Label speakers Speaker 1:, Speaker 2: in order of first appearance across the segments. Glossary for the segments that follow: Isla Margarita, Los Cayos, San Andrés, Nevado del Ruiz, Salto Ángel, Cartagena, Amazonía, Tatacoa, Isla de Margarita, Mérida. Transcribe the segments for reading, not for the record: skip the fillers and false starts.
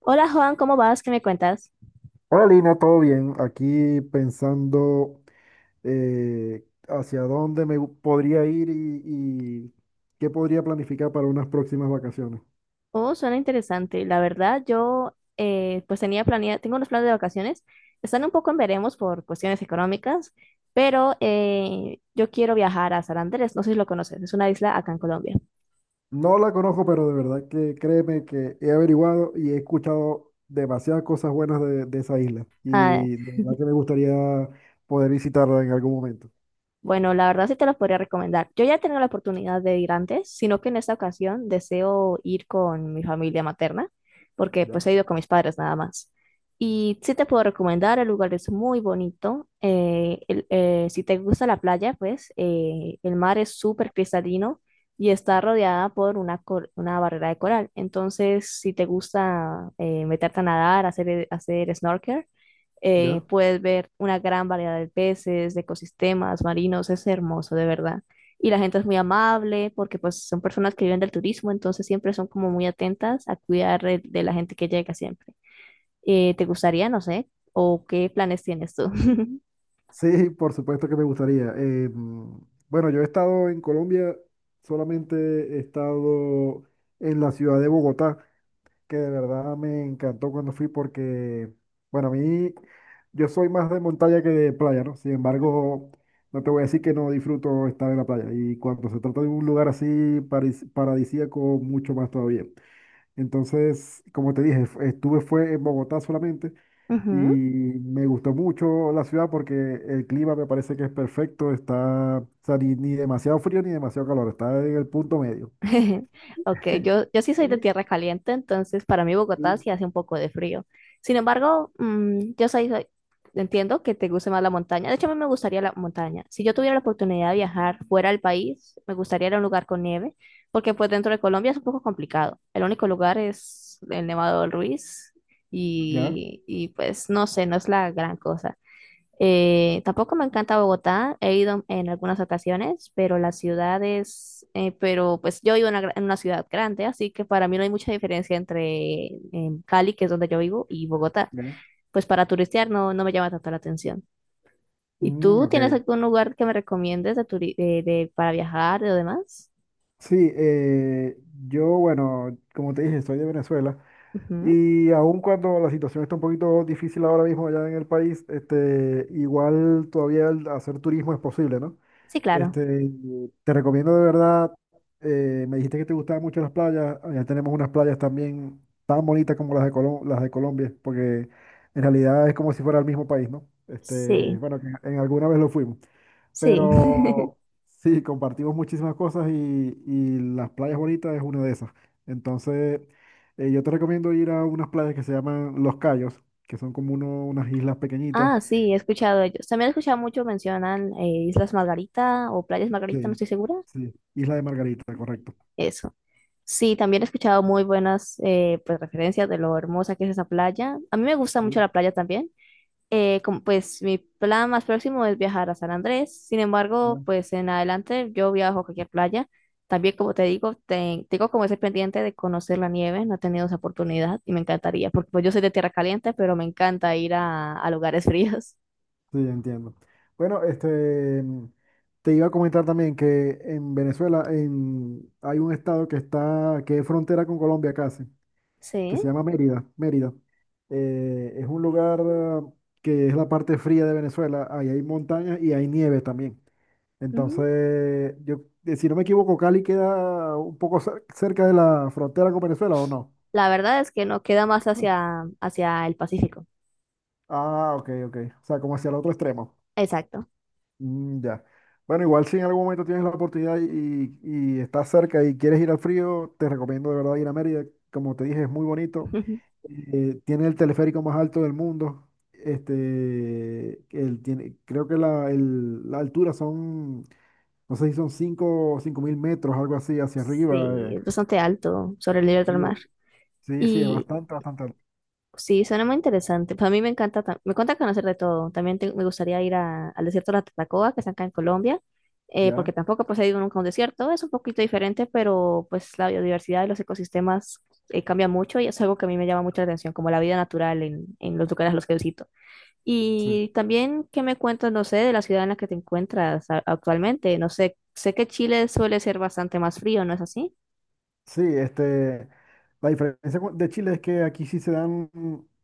Speaker 1: Hola Juan, ¿cómo vas? ¿Qué me cuentas?
Speaker 2: Hola Lina, ¿todo bien? Aquí pensando, hacia dónde podría ir y qué podría planificar para unas próximas vacaciones.
Speaker 1: Oh, suena interesante. La verdad, yo pues tenía planeado, tengo unos planes de vacaciones. Están un poco en veremos por cuestiones económicas, pero yo quiero viajar a San Andrés. No sé si lo conoces, es una isla acá en Colombia.
Speaker 2: No la conozco, pero de verdad que créeme que he averiguado y he escuchado demasiadas cosas buenas de esa isla,
Speaker 1: Ah,
Speaker 2: y de verdad que me gustaría poder visitarla en algún momento.
Speaker 1: bueno, la verdad sí te los podría recomendar. Yo ya he tenido la oportunidad de ir antes, sino que en esta ocasión deseo ir con mi familia materna, porque pues
Speaker 2: ¿Ya?
Speaker 1: he ido con mis padres nada más. Y sí te puedo recomendar, el lugar es muy bonito. Si te gusta la playa, pues el mar es súper cristalino y está rodeada por una barrera de coral. Entonces, si te gusta meterte a nadar, hacer snorkel,
Speaker 2: ¿Ya?
Speaker 1: puedes ver una gran variedad de peces, de ecosistemas marinos, es hermoso, de verdad. Y la gente es muy amable porque pues son personas que viven del turismo, entonces siempre son como muy atentas a cuidar de la gente que llega siempre. ¿Te gustaría, no sé, o qué planes tienes tú?
Speaker 2: Sí, por supuesto que me gustaría. Bueno, yo he estado en Colombia, solamente he estado en la ciudad de Bogotá, que de verdad me encantó cuando fui porque, bueno, a mí yo soy más de montaña que de playa, ¿no? Sin embargo, no te voy a decir que no disfruto estar en la playa. Y cuando se trata de un lugar así paradisíaco, mucho más todavía. Entonces, como te dije, estuve fue en Bogotá solamente. Y
Speaker 1: Ujú.
Speaker 2: me gustó mucho la ciudad porque el clima me parece que es perfecto, está, o sea, ni demasiado frío ni demasiado calor, está en el punto medio.
Speaker 1: Ok, yo sí soy de
Speaker 2: Y-
Speaker 1: tierra caliente, entonces para mí Bogotá
Speaker 2: y-
Speaker 1: sí hace un poco de frío. Sin embargo, entiendo que te guste más la montaña. De hecho, a mí me gustaría la montaña. Si yo tuviera la oportunidad de viajar fuera del país, me gustaría ir a un lugar con nieve, porque pues dentro de Colombia es un poco complicado. El único lugar es el Nevado del Ruiz
Speaker 2: ¿Ya?
Speaker 1: y pues no sé, no es la gran cosa. Tampoco me encanta Bogotá, he ido en algunas ocasiones, pero pero pues yo vivo en en una ciudad grande, así que para mí no hay mucha diferencia entre Cali, que es donde yo vivo, y Bogotá.
Speaker 2: ¿Ya?
Speaker 1: Pues para turistear no me llama tanto la atención. ¿Y
Speaker 2: Mm,
Speaker 1: tú
Speaker 2: ok.
Speaker 1: tienes algún lugar que me recomiendes de turi- de- para viajar o demás?
Speaker 2: Sí, yo, bueno, como te dije, soy de Venezuela,
Speaker 1: Ujú.
Speaker 2: y aun cuando la situación está un poquito difícil ahora mismo allá en el país, este, igual todavía el hacer turismo es posible, ¿no?
Speaker 1: Sí, claro.
Speaker 2: Este, te recomiendo de verdad, me dijiste que te gustaban mucho las playas. Allá tenemos unas playas también tan bonitas como las de Colombia, porque en realidad es como si fuera el mismo país, ¿no? Este,
Speaker 1: Sí,
Speaker 2: bueno, que en alguna vez lo fuimos,
Speaker 1: sí.
Speaker 2: pero sí, compartimos muchísimas cosas, y las playas bonitas es una de esas. Entonces, yo te recomiendo ir a unas playas que se llaman Los Cayos, que son como unas islas pequeñitas.
Speaker 1: Ah, sí, he escuchado de ellos. También he escuchado mucho mencionan Islas Margarita o Playas Margarita, no
Speaker 2: Sí,
Speaker 1: estoy segura.
Speaker 2: sí, Isla de Margarita, correcto.
Speaker 1: Eso. Sí, también he escuchado muy buenas pues, referencias de lo hermosa que es esa playa. A mí me gusta mucho
Speaker 2: Sí,
Speaker 1: la playa también. Como, pues mi plan más próximo es viajar a San Andrés. Sin
Speaker 2: ya.
Speaker 1: embargo, pues en adelante yo viajo a cualquier playa. También, como te digo, tengo como ese pendiente de conocer la nieve. No he tenido esa oportunidad y me encantaría, porque pues, yo soy de tierra caliente, pero me encanta ir a lugares fríos.
Speaker 2: Sí, entiendo. Bueno, este, te iba a comentar también que en Venezuela hay un estado que está, que es frontera con Colombia casi, que
Speaker 1: Sí.
Speaker 2: se llama Mérida. Mérida. Es un lugar que es la parte fría de Venezuela. Ahí hay montañas y hay nieve también.
Speaker 1: Ujú.
Speaker 2: Entonces, si no me equivoco, Cali queda un poco cerca de la frontera con Venezuela, ¿o no?
Speaker 1: La verdad es que no queda más hacia el Pacífico.
Speaker 2: Ah, ok, ok. O sea, como hacia el otro extremo.
Speaker 1: Exacto.
Speaker 2: Mm, ya. Bueno, igual si en algún momento tienes la oportunidad y estás cerca y quieres ir al frío, te recomiendo de verdad ir a Mérida. Como te dije, es muy bonito. Tiene el teleférico más alto del mundo. Este, el tiene, creo que la altura son, no sé si son 5 o 5.000 metros, algo así, hacia arriba.
Speaker 1: Sí, es bastante alto sobre el nivel
Speaker 2: Sí,
Speaker 1: del mar.
Speaker 2: sí, sí, es
Speaker 1: Y
Speaker 2: bastante, bastante alto.
Speaker 1: sí, suena muy interesante. Pues a mí me encanta, me encanta conocer de todo. También me gustaría ir al desierto de la Tatacoa, que está acá en Colombia, porque
Speaker 2: ¿Ya?
Speaker 1: tampoco pues, he ido nunca a un desierto. Es un poquito diferente, pero pues la biodiversidad y los ecosistemas cambia mucho y es algo que a mí me llama mucha atención, como la vida natural en los lugares a los que visito.
Speaker 2: Sí.
Speaker 1: Y también, ¿qué me cuentas, no sé, de la ciudad en la que te encuentras actualmente? No sé, sé que Chile suele ser bastante más frío, ¿no es así?
Speaker 2: Sí, este, la diferencia de Chile es que aquí sí se dan,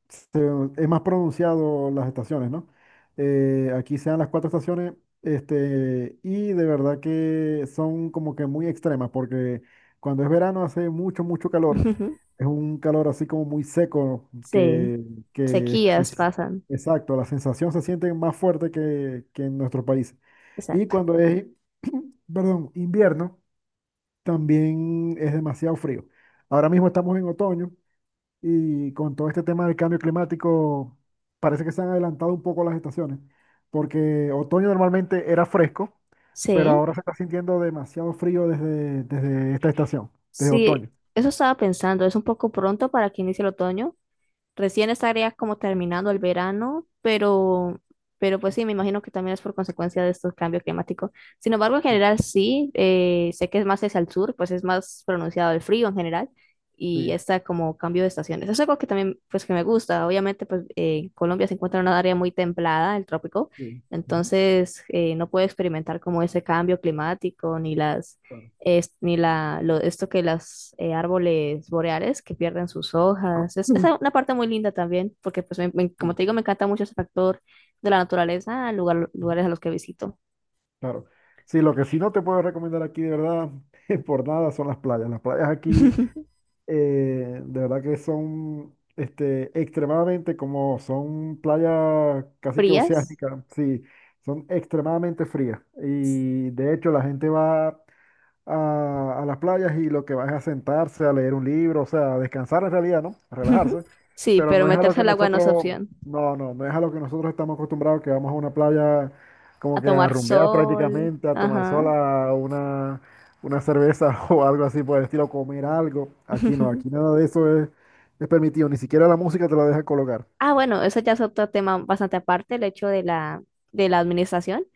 Speaker 2: se- es más pronunciado las estaciones, ¿no? Aquí se dan las cuatro estaciones, este, y de verdad que son como que muy extremas, porque cuando es verano hace mucho, mucho calor, es un calor así como muy seco,
Speaker 1: Sí,
Speaker 2: que
Speaker 1: sequías
Speaker 2: es-
Speaker 1: pasan.
Speaker 2: exacto, la sensación se siente más fuerte que, en nuestro país. Y
Speaker 1: Exacto.
Speaker 2: cuando es, perdón, invierno, también es demasiado frío. Ahora mismo estamos en otoño, y con todo este tema del cambio climático parece que se han adelantado un poco las estaciones, porque otoño normalmente era fresco, pero
Speaker 1: Sí,
Speaker 2: ahora se está sintiendo demasiado frío desde, esta estación, desde
Speaker 1: sí,
Speaker 2: otoño.
Speaker 1: eso estaba pensando. Es un poco pronto para que inicie el otoño, recién estaría como terminando el verano, pero pues sí, me imagino que también es por consecuencia de estos cambios climáticos. Sin embargo, en
Speaker 2: Sí,
Speaker 1: general sí, sé que es más hacia el sur, pues es más pronunciado el frío en general y
Speaker 2: sí,
Speaker 1: está como cambio de estaciones. Es algo que también, pues que me gusta. Obviamente, pues Colombia se encuentra en una área muy templada, el trópico,
Speaker 2: sí. Ujú,
Speaker 1: entonces no puedo experimentar como ese cambio climático ni las
Speaker 2: claro.
Speaker 1: es- ni la, lo- esto que los árboles boreales que pierden sus hojas. Es
Speaker 2: Ujú.
Speaker 1: una parte muy linda también, porque pues como
Speaker 2: Sí,
Speaker 1: te digo, me encanta mucho ese factor de la naturaleza,
Speaker 2: ujú,
Speaker 1: lugares a los que visito.
Speaker 2: claro. Sí, lo que sí no te puedo recomendar aquí de verdad, por nada, son las playas. Las playas aquí, de verdad que son, este, extremadamente, como son playas casi que
Speaker 1: ¿Frías?
Speaker 2: oceánicas, sí, son extremadamente frías. Y de hecho la gente va a las playas, y lo que va es a sentarse, a leer un libro, o sea, a descansar en realidad, ¿no? A relajarse.
Speaker 1: Sí,
Speaker 2: Pero
Speaker 1: pero
Speaker 2: no es a lo
Speaker 1: meterse
Speaker 2: que
Speaker 1: al agua no es
Speaker 2: nosotros,
Speaker 1: opción.
Speaker 2: no, no, no es a lo que nosotros estamos acostumbrados, que vamos a una playa
Speaker 1: A
Speaker 2: como que a
Speaker 1: tomar
Speaker 2: rumbear
Speaker 1: sol.
Speaker 2: prácticamente, a tomar
Speaker 1: Ajá.
Speaker 2: sola una cerveza o algo así por el estilo, comer algo. Aquí no, aquí nada de eso es permitido, ni siquiera la música te la deja colocar.
Speaker 1: Ah, bueno, eso ya es otro tema bastante aparte, el hecho de la administración.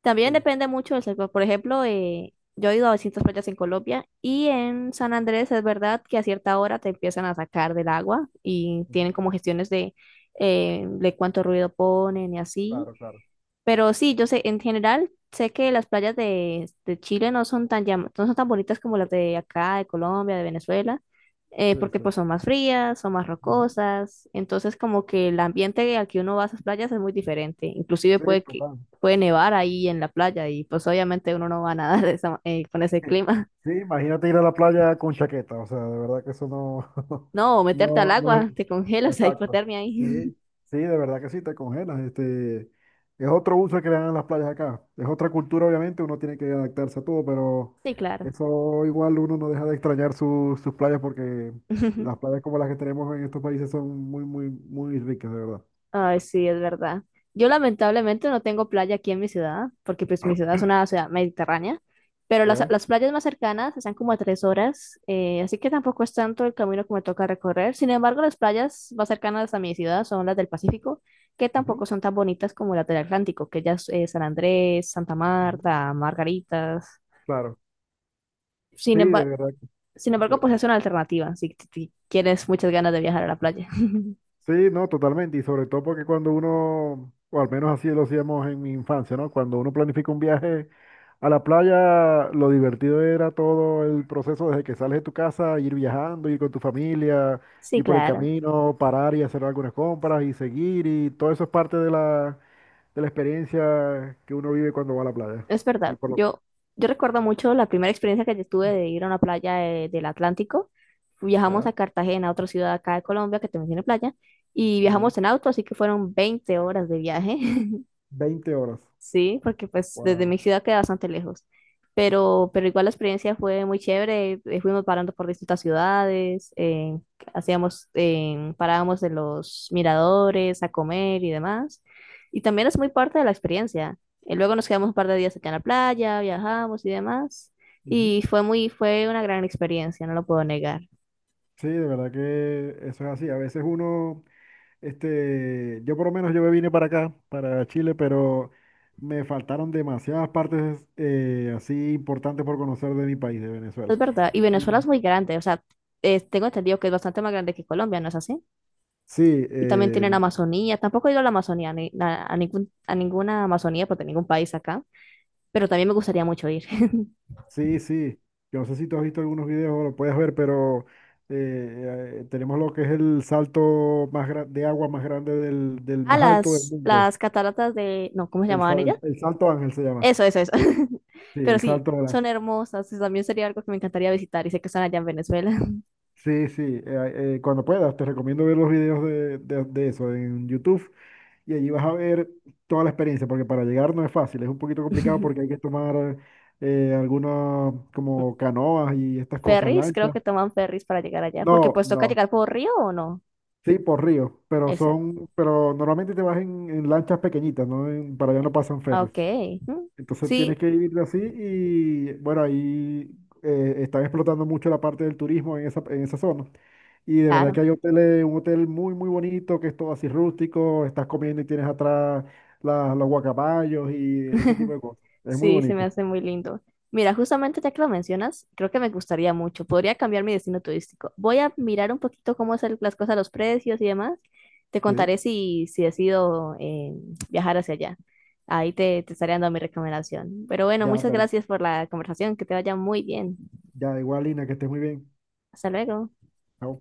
Speaker 1: También
Speaker 2: Sí,
Speaker 1: depende mucho del sector. Por ejemplo, yo he ido a distintas playas en Colombia y en San Andrés es verdad que a cierta hora te empiezan a sacar del agua y tienen
Speaker 2: ujú,
Speaker 1: como gestiones de cuánto ruido ponen y así.
Speaker 2: claro, claro.
Speaker 1: Pero sí, yo sé, en general, sé que las playas de Chile no son tan no son tan bonitas como las de acá, de Colombia, de Venezuela,
Speaker 2: Sí,
Speaker 1: porque pues
Speaker 2: sí.
Speaker 1: son más frías, son más
Speaker 2: Ujú.
Speaker 1: rocosas, entonces como que el ambiente al que uno va a esas playas es muy diferente, inclusive
Speaker 2: Sí, total.
Speaker 1: puede nevar ahí en la playa y pues obviamente uno no va a nadar de esa con ese clima.
Speaker 2: Sí, imagínate ir a la playa con chaqueta, o sea, de verdad que eso no.
Speaker 1: No, o meterte al
Speaker 2: No, no,
Speaker 1: agua, te congelas, hay
Speaker 2: exacto.
Speaker 1: hipotermia
Speaker 2: Sí,
Speaker 1: ahí.
Speaker 2: sí, de verdad que sí, te congelas. Este, es otro uso que le dan a las playas acá. Es otra cultura, obviamente, uno tiene que adaptarse a todo, pero
Speaker 1: Sí, claro.
Speaker 2: eso igual uno no deja de extrañar sus playas, porque las playas como las que tenemos en estos países son muy, muy, muy ricas, de verdad.
Speaker 1: Ay, sí, es verdad. Yo lamentablemente no tengo playa aquí en mi ciudad, porque pues mi ciudad es una ciudad mediterránea, pero
Speaker 2: ¿Ya ves?
Speaker 1: las playas más cercanas están como a 3 horas, así que tampoco es tanto el camino que me toca recorrer. Sin embargo, las playas más cercanas a mi ciudad son las del Pacífico, que
Speaker 2: Ujú,
Speaker 1: tampoco son tan bonitas como las del Atlántico, que ya es San Andrés, Santa
Speaker 2: ujú.
Speaker 1: Marta, Margaritas.
Speaker 2: Claro. Sí,
Speaker 1: Sin
Speaker 2: de
Speaker 1: emba-
Speaker 2: verdad.
Speaker 1: Sin embargo, pues es una alternativa si tienes muchas ganas de viajar a la playa.
Speaker 2: Sí, no, totalmente. Y sobre todo porque cuando uno, o al menos así lo hacíamos en mi infancia, ¿no? Cuando uno planifica un viaje a la playa, lo divertido era todo el proceso desde que sales de tu casa, ir viajando, ir con tu familia,
Speaker 1: Sí,
Speaker 2: ir por el
Speaker 1: claro.
Speaker 2: camino, parar y hacer algunas compras y seguir. Y todo eso es parte de la, experiencia que uno vive cuando va a la playa.
Speaker 1: Es
Speaker 2: Y
Speaker 1: verdad,
Speaker 2: por lo...
Speaker 1: yo recuerdo mucho la primera experiencia que yo tuve de ir a una playa del Atlántico. Viajamos
Speaker 2: Ya,
Speaker 1: a Cartagena, otra ciudad acá de Colombia que también tiene playa, y
Speaker 2: ya.
Speaker 1: viajamos en auto, así que fueron 20 horas de viaje.
Speaker 2: 20 horas.
Speaker 1: Sí, porque pues desde
Speaker 2: Wow.
Speaker 1: mi ciudad queda bastante lejos. Pero igual la experiencia fue muy chévere. Fuimos parando por distintas ciudades, parábamos en los miradores a comer y demás. Y también es muy parte de la experiencia. Luego nos quedamos un par de días acá en la playa, viajamos y demás.
Speaker 2: Ujú.
Speaker 1: Y fue una gran experiencia, no lo puedo negar.
Speaker 2: Sí, de verdad que eso es así. A veces uno... Este, yo por lo menos, yo me vine para acá, para Chile, pero me faltaron demasiadas partes, así importantes, por conocer de mi país, de Venezuela.
Speaker 1: Es verdad. Y Venezuela es
Speaker 2: Y-
Speaker 1: muy grande, o sea, tengo entendido que es bastante más grande que Colombia, ¿no es así?
Speaker 2: Sí,
Speaker 1: Y también
Speaker 2: eh,
Speaker 1: tienen Amazonía. Tampoco he ido a la Amazonía, a ninguna Amazonía, porque ningún país acá, pero también me gustaría mucho ir.
Speaker 2: sí, sí. Yo no sé si tú has visto algunos videos o lo puedes ver, pero tenemos lo que es el salto de agua más grande del
Speaker 1: A
Speaker 2: más alto del mundo.
Speaker 1: las cataratas de, no, ¿cómo se
Speaker 2: El,
Speaker 1: llamaban
Speaker 2: sal-
Speaker 1: ellas?
Speaker 2: el Salto Ángel se llama.
Speaker 1: Eso, eso, eso.
Speaker 2: Sí,
Speaker 1: Pero
Speaker 2: el
Speaker 1: sí,
Speaker 2: Salto Ángel.
Speaker 1: son hermosas, y también sería algo que me encantaría visitar y sé que están allá en Venezuela.
Speaker 2: Sí, sí, cuando puedas, te recomiendo ver los videos de eso en YouTube, y allí vas a ver toda la experiencia, porque para llegar no es fácil, es un poquito complicado porque hay que tomar, algunas como canoas y estas cosas,
Speaker 1: Ferries, creo
Speaker 2: lanchas.
Speaker 1: que toman ferries para llegar allá, porque
Speaker 2: No,
Speaker 1: pues toca
Speaker 2: no,
Speaker 1: llegar por río o no.
Speaker 2: sí, por río, pero
Speaker 1: Exacto.
Speaker 2: pero normalmente te vas en, lanchas pequeñitas, ¿no? Para allá no pasan
Speaker 1: Ah,
Speaker 2: ferries.
Speaker 1: ok. Mm,
Speaker 2: Entonces tienes
Speaker 1: sí,
Speaker 2: que vivirlo así, y bueno, ahí están explotando mucho la parte del turismo en esa, zona. Y de verdad
Speaker 1: claro.
Speaker 2: que hay hoteles, un hotel muy, muy bonito, que es todo así rústico, estás comiendo y tienes atrás los guacamayos y ese tipo de cosas. Es muy
Speaker 1: Sí, se me
Speaker 2: bonito.
Speaker 1: hace muy lindo. Mira, justamente ya que lo mencionas, creo que me gustaría mucho. Podría cambiar mi destino turístico. Voy a mirar un poquito cómo son las cosas, los precios y demás. Te
Speaker 2: Sí.
Speaker 1: contaré si, si decido viajar hacia allá. Ahí te estaré dando mi recomendación. Pero bueno,
Speaker 2: Ya,
Speaker 1: muchas
Speaker 2: pero
Speaker 1: gracias por la conversación. Que te vaya muy bien.
Speaker 2: ya igual, Lina, que estés muy bien.
Speaker 1: Hasta luego.
Speaker 2: Chao.